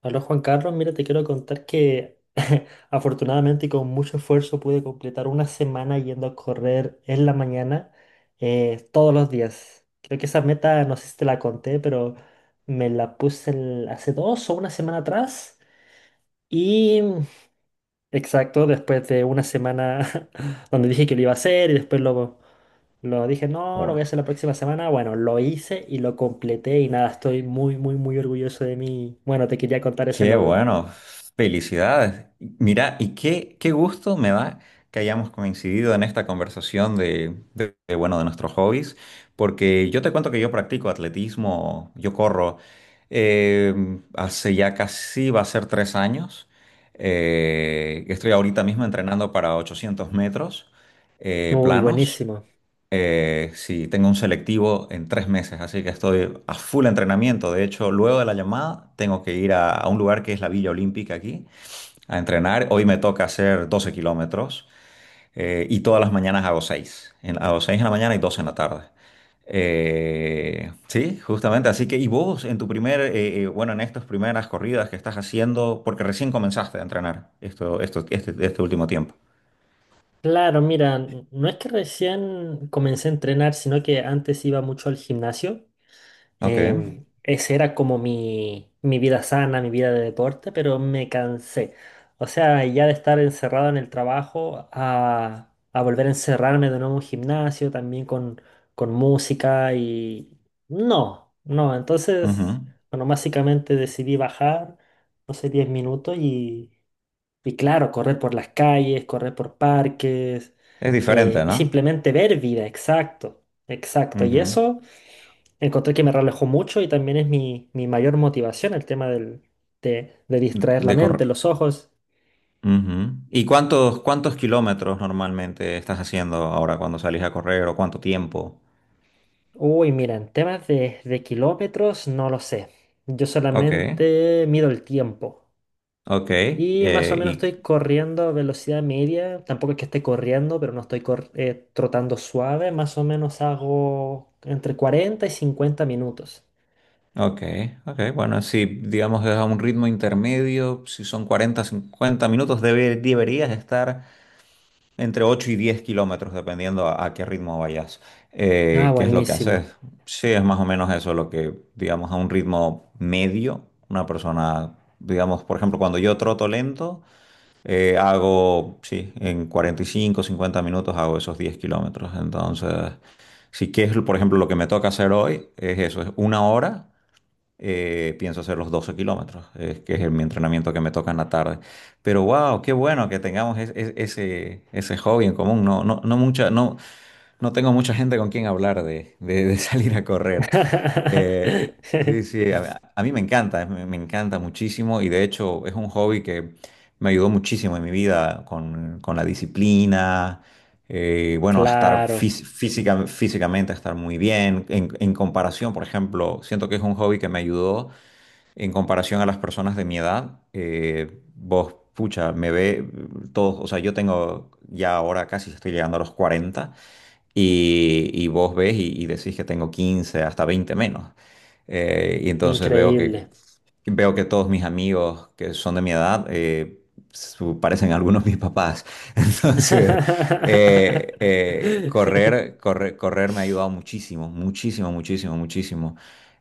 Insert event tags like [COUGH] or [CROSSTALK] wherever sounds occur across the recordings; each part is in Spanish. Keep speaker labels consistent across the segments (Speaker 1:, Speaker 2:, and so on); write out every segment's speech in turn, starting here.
Speaker 1: Hola Juan Carlos, mira, te quiero contar que [LAUGHS] afortunadamente y con mucho esfuerzo pude completar una semana yendo a correr en la mañana, todos los días. Creo que esa meta, no sé si te la conté, pero me la puse hace dos o una semana atrás. Y exacto, después de una semana [LAUGHS] donde dije que lo iba a hacer y después lo dije, no, lo
Speaker 2: Oh,
Speaker 1: voy a hacer la próxima semana. Bueno, lo hice y lo completé y nada, estoy muy, muy, muy orgulloso de mí. Bueno, te quería contar ese
Speaker 2: qué
Speaker 1: logro.
Speaker 2: bueno, felicidades. Mira, y qué gusto me da que hayamos coincidido en esta conversación de, bueno, de nuestros hobbies, porque yo te cuento que yo practico atletismo, yo corro eh, hace ya casi va a ser 3 años. Estoy ahorita mismo entrenando para 800 metros
Speaker 1: Uy,
Speaker 2: planos.
Speaker 1: buenísimo.
Speaker 2: Sí, tengo un selectivo en 3 meses, así que estoy a full entrenamiento. De hecho, luego de la llamada tengo que ir a un lugar que es la Villa Olímpica aquí a entrenar. Hoy me toca hacer 12 kilómetros y todas las mañanas hago 6 en la mañana y 12 en la tarde. Sí, justamente. Así que, ¿y vos en tu primer, bueno, en estas primeras corridas que estás haciendo, porque recién comenzaste a entrenar este último tiempo?
Speaker 1: Claro, mira, no es que recién comencé a entrenar, sino que antes iba mucho al gimnasio.
Speaker 2: Ok.
Speaker 1: Ese era como mi vida sana, mi vida de deporte, pero me cansé. O sea, ya de estar encerrado en el trabajo a volver a encerrarme de nuevo en un gimnasio, también con música y… No, no, entonces,
Speaker 2: Ujú.
Speaker 1: bueno, básicamente decidí bajar, no sé, 10 minutos. Y claro, correr por las calles, correr por parques,
Speaker 2: Es diferente,
Speaker 1: y
Speaker 2: ¿no?
Speaker 1: simplemente ver vida, exacto, exacto. Y
Speaker 2: Ujú.
Speaker 1: eso encontré que me relajó mucho y también es mi mayor motivación, el tema de distraer la
Speaker 2: De
Speaker 1: mente,
Speaker 2: corre-
Speaker 1: los ojos.
Speaker 2: Ujú. ¿Y cuántos kilómetros normalmente estás haciendo ahora cuando salís a correr o cuánto tiempo?
Speaker 1: Uy, mira, en temas de kilómetros, no lo sé. Yo
Speaker 2: Ok,
Speaker 1: solamente mido el tiempo.
Speaker 2: ok,
Speaker 1: Y más o menos
Speaker 2: y,
Speaker 1: estoy corriendo a velocidad media. Tampoco es que esté corriendo, pero no estoy trotando suave. Más o menos hago entre 40 y 50 minutos.
Speaker 2: ok, ok, bueno, si digamos es a un ritmo intermedio, si son 40 50 minutos, deberías estar entre 8 y 10 kilómetros, dependiendo a qué ritmo vayas.
Speaker 1: Ah,
Speaker 2: ¿Qué es lo que
Speaker 1: buenísimo.
Speaker 2: haces? Sí, es más o menos eso lo que, digamos, a un ritmo medio, una persona, digamos, por ejemplo, cuando yo troto lento. Hago, sí, en 45 50 minutos hago esos 10 kilómetros. Entonces, si quieres, por ejemplo, lo que me toca hacer hoy es eso, es una hora, pienso hacer los 12 kilómetros, es que es mi entrenamiento que me toca en la tarde. Pero wow, qué bueno que tengamos ese hobby en común. No, no, no mucha, no, no tengo mucha gente con quien hablar de [LAUGHS] salir a correr. Eh, sí,
Speaker 1: [LAUGHS]
Speaker 2: sí, a mí me encanta, me encanta muchísimo y de hecho es un hobby que me ayudó muchísimo en mi vida con la disciplina, bueno, a estar
Speaker 1: Claro,
Speaker 2: físicamente, a estar muy bien. En comparación, por ejemplo, siento que es un hobby que me ayudó en comparación a las personas de mi edad, vos, pucha, me ve todos, o sea, yo tengo ya ahora casi estoy llegando a los 40 y vos ves y decís que tengo 15 hasta 20 menos. Y entonces
Speaker 1: increíble.
Speaker 2: veo que todos mis amigos que son de mi edad parecen algunos mis papás. [LAUGHS] Entonces, correr,
Speaker 1: [LAUGHS]
Speaker 2: correr, correr me ha ayudado muchísimo, muchísimo, muchísimo, muchísimo.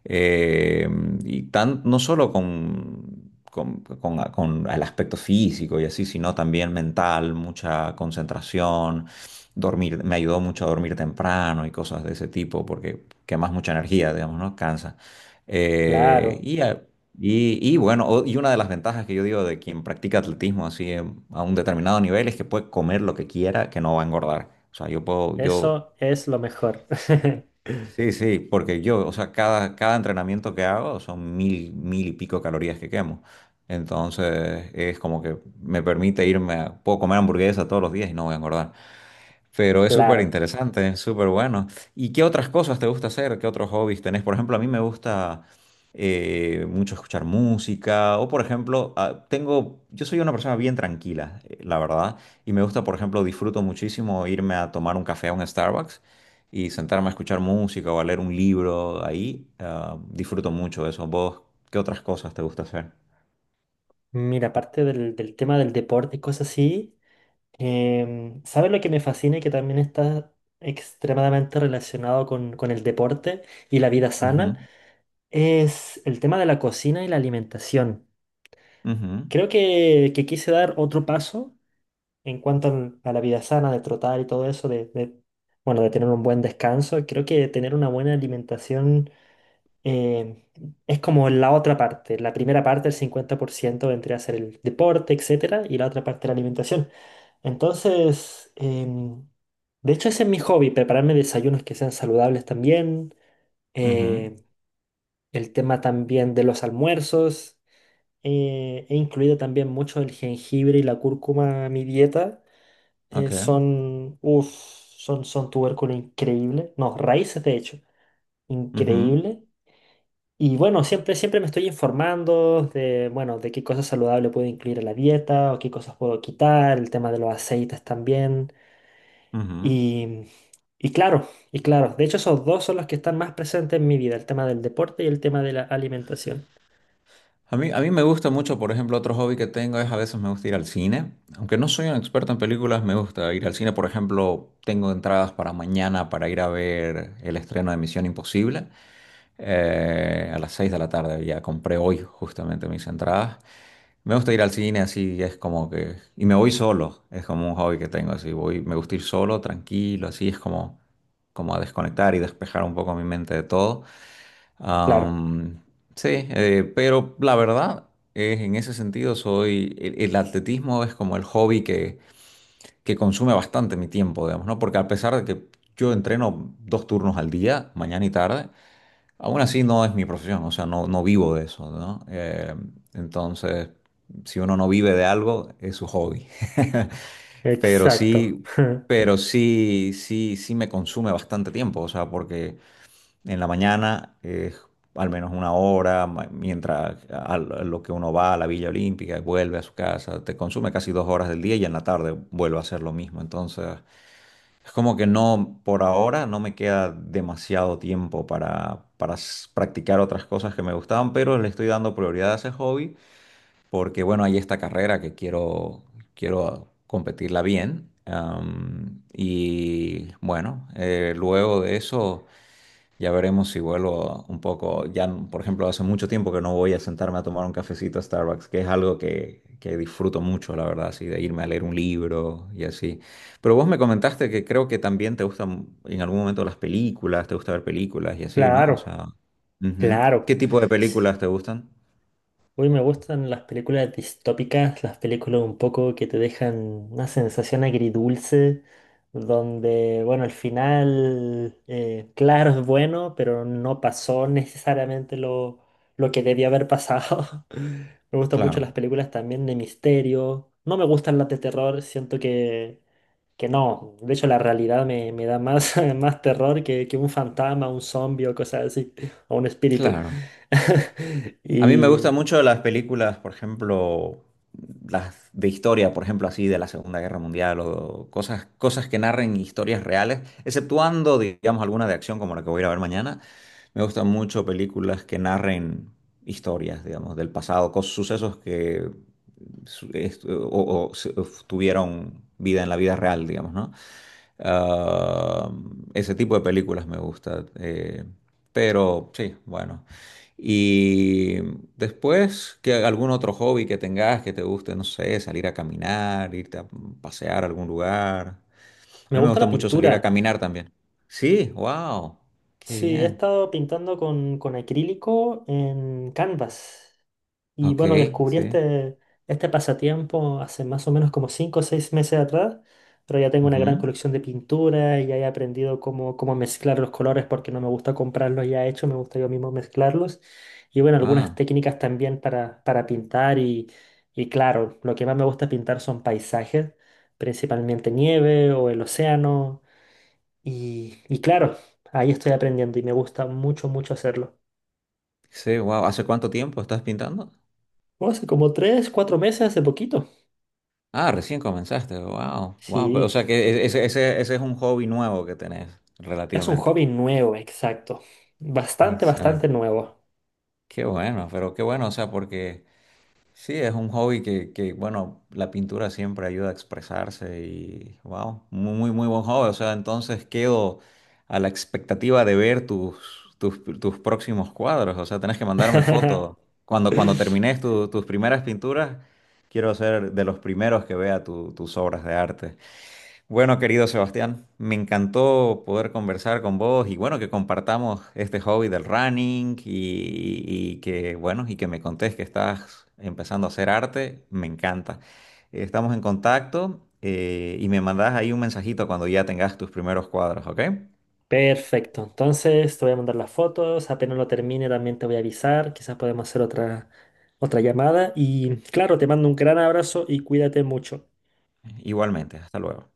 Speaker 2: Eh, y tan, no solo con el aspecto físico y así, sino también mental, mucha concentración, dormir, me ayudó mucho a dormir temprano y cosas de ese tipo, porque quemas mucha energía, digamos, ¿no? Cansa. Eh,
Speaker 1: Claro,
Speaker 2: y, a- y una de las ventajas que yo digo de quien practica atletismo así a un determinado nivel es que puede comer lo que quiera, que no va a engordar. O sea, yo puedo, yo,
Speaker 1: eso es lo mejor. [LAUGHS]
Speaker 2: sí, sí, porque yo, o sea, cada entrenamiento que hago son mil, mil y pico calorías que quemo. Entonces, es como que me permite irme a, puedo comer hamburguesa todos los días y no voy a engordar. Pero es súper
Speaker 1: Claro.
Speaker 2: interesante, es súper bueno. ¿Y qué otras cosas te gusta hacer? ¿Qué otros hobbies tenés? Por ejemplo, a mí me gusta mucho escuchar música o, por ejemplo, tengo, yo soy una persona bien tranquila, la verdad, y me gusta, por ejemplo, disfruto muchísimo irme a tomar un café a un Starbucks y sentarme a escuchar música o a leer un libro ahí. Disfruto mucho de eso. ¿Vos qué otras cosas te gusta hacer?
Speaker 1: Mira, aparte del tema del deporte y cosas así. ¿Sabes lo que me fascina y que también está extremadamente relacionado con el deporte y la vida
Speaker 2: Ujú,
Speaker 1: sana? Es el tema de la cocina y la alimentación.
Speaker 2: ujú,
Speaker 1: Creo que quise dar otro paso en cuanto a la vida sana, de trotar y todo eso, bueno, de tener un buen descanso. Creo que tener una buena alimentación, eh, es como la otra parte. La primera parte, el 50%, vendría a ser el deporte, etcétera, y la otra parte, la alimentación. Entonces, de hecho, ese es mi hobby, prepararme desayunos que sean saludables también.
Speaker 2: ujú,
Speaker 1: eh, el tema también de los almuerzos. He incluido también mucho el jengibre y la cúrcuma a mi dieta.
Speaker 2: ok,
Speaker 1: Son, uf, son tubérculo increíble. No, raíces de hecho,
Speaker 2: ujú,
Speaker 1: increíble. Y bueno, siempre, siempre me estoy informando de, bueno, de qué cosas saludables puedo incluir en la dieta o qué cosas puedo quitar, el tema de los aceites también.
Speaker 2: ujú.
Speaker 1: Y, y claro, de hecho esos dos son los que están más presentes en mi vida, el tema del deporte y el tema de la alimentación.
Speaker 2: A mí me gusta mucho, por ejemplo, otro hobby que tengo es a veces me gusta ir al cine. Aunque no soy un experto en películas, me gusta ir al cine. Por ejemplo, tengo entradas para mañana para ir a ver el estreno de Misión Imposible. A las 6 de la tarde ya compré hoy justamente mis entradas. Me gusta ir al cine así, es como que... Y me voy solo, es como un hobby que tengo así. Voy, me gusta ir solo, tranquilo, así es como, como a desconectar y despejar un poco mi mente de todo.
Speaker 1: Claro,
Speaker 2: Am, sí, pero la verdad es en ese sentido soy el atletismo es como el hobby que consume bastante mi tiempo, digamos, ¿no? Porque a pesar de que yo entreno 2 turnos al día, mañana y tarde, aún así no es mi profesión, o sea, no, no vivo de eso, ¿no? Entonces, si uno no vive de algo, es su hobby. [LAUGHS] Pero
Speaker 1: exacto.
Speaker 2: sí,
Speaker 1: [LAUGHS]
Speaker 2: pero sí, sí, sí me consume bastante tiempo, o sea, porque en la mañana es al menos una hora, mientras a lo que uno va a la Villa Olímpica y vuelve a su casa, te consume casi 2 horas del día y en la tarde vuelve a hacer lo mismo. Entonces, es como que no, por ahora no me queda demasiado tiempo para, practicar otras cosas que me gustaban, pero le estoy dando prioridad a ese hobby porque, bueno, hay esta carrera que quiero, quiero competirla bien. Y bueno, luego de eso... Ya veremos si vuelvo un poco. Ya, por ejemplo, hace mucho tiempo que no voy a sentarme a tomar un cafecito a Starbucks, que es algo que disfruto mucho, la verdad, así, de irme a leer un libro y así. Pero vos me comentaste que creo que también te gustan en algún momento las películas, te gusta ver películas y así, ¿no? O
Speaker 1: Claro,
Speaker 2: sea, ujú. ¿Qué
Speaker 1: claro.
Speaker 2: tipo de películas te gustan?
Speaker 1: Hoy me gustan las películas distópicas, las películas un poco que te dejan una sensación agridulce, donde, bueno, al final, claro, es bueno, pero no pasó necesariamente lo que debía haber pasado. [LAUGHS] Me gustan mucho las
Speaker 2: Claro,
Speaker 1: películas también de misterio. No me gustan las de terror, siento que no. De hecho, la realidad me da más, [LAUGHS] más terror que un fantasma, un zombie o cosas así, o un espíritu.
Speaker 2: claro.
Speaker 1: [LAUGHS]
Speaker 2: A mí me gustan
Speaker 1: Y.
Speaker 2: mucho las películas, por ejemplo, las de historia, por ejemplo, así de la Segunda Guerra Mundial o cosas que narren historias reales, exceptuando, digamos, alguna de acción como la que voy a ir a ver mañana. Me gustan mucho películas que narren historias, digamos, del pasado, sucesos que su- est- o- o se- tuvieron vida en la vida real, digamos, ¿no? Ah, ese tipo de películas me gusta. Pero sí, bueno. Y después, que algún otro hobby que tengas que te guste, no sé, salir a caminar, irte a pasear a algún lugar. A
Speaker 1: Me
Speaker 2: mí me
Speaker 1: gusta
Speaker 2: gusta
Speaker 1: la
Speaker 2: mucho salir a
Speaker 1: pintura.
Speaker 2: caminar también. Sí, wow, qué
Speaker 1: Sí, he
Speaker 2: bien.
Speaker 1: estado pintando con acrílico en Canvas. Y
Speaker 2: Ok,
Speaker 1: bueno, descubrí
Speaker 2: sí.
Speaker 1: este pasatiempo hace más o menos como 5 o 6 meses atrás, pero ya tengo una gran
Speaker 2: Ujú.
Speaker 1: colección de pintura y ya he aprendido cómo, cómo mezclar los colores porque no me gusta comprarlos ya hechos, me gusta yo mismo mezclarlos. Y bueno, algunas
Speaker 2: Ah,
Speaker 1: técnicas también para pintar y claro, lo que más me gusta pintar son paisajes, principalmente nieve o el océano. Y claro, ahí estoy aprendiendo y me gusta mucho, mucho hacerlo.
Speaker 2: sí, wow. ¿Hace cuánto tiempo estás pintando?
Speaker 1: Bueno, hace como 3, 4 meses, hace poquito.
Speaker 2: Ah, recién comenzaste, wow, wow. O
Speaker 1: Sí,
Speaker 2: sea que ese es un hobby nuevo que tenés,
Speaker 1: es un
Speaker 2: relativamente.
Speaker 1: hobby nuevo, exacto. Bastante, bastante
Speaker 2: Exacto.
Speaker 1: nuevo.
Speaker 2: Qué bueno, pero qué bueno, o sea, porque sí, es un hobby que, bueno, la pintura siempre ayuda a expresarse y, wow, muy, muy, muy buen hobby. O sea, entonces quedo a la expectativa de ver tus próximos cuadros. O sea, tenés que mandarme fotos.
Speaker 1: [LAUGHS]
Speaker 2: Cuando termines tus primeras pinturas, quiero ser de los primeros que vea tus obras de arte. Bueno, querido Sebastián, me encantó poder conversar con vos y bueno, que compartamos este hobby del running y que bueno, y que me contés que estás empezando a hacer arte, me encanta. Estamos en contacto y me mandás ahí un mensajito cuando ya tengas tus primeros cuadros, ¿ok?
Speaker 1: Perfecto, entonces te voy a mandar las fotos, apenas lo termine también te voy a avisar, quizás podemos hacer otra, otra llamada y claro, te mando un gran abrazo y cuídate mucho.
Speaker 2: Igualmente, hasta luego.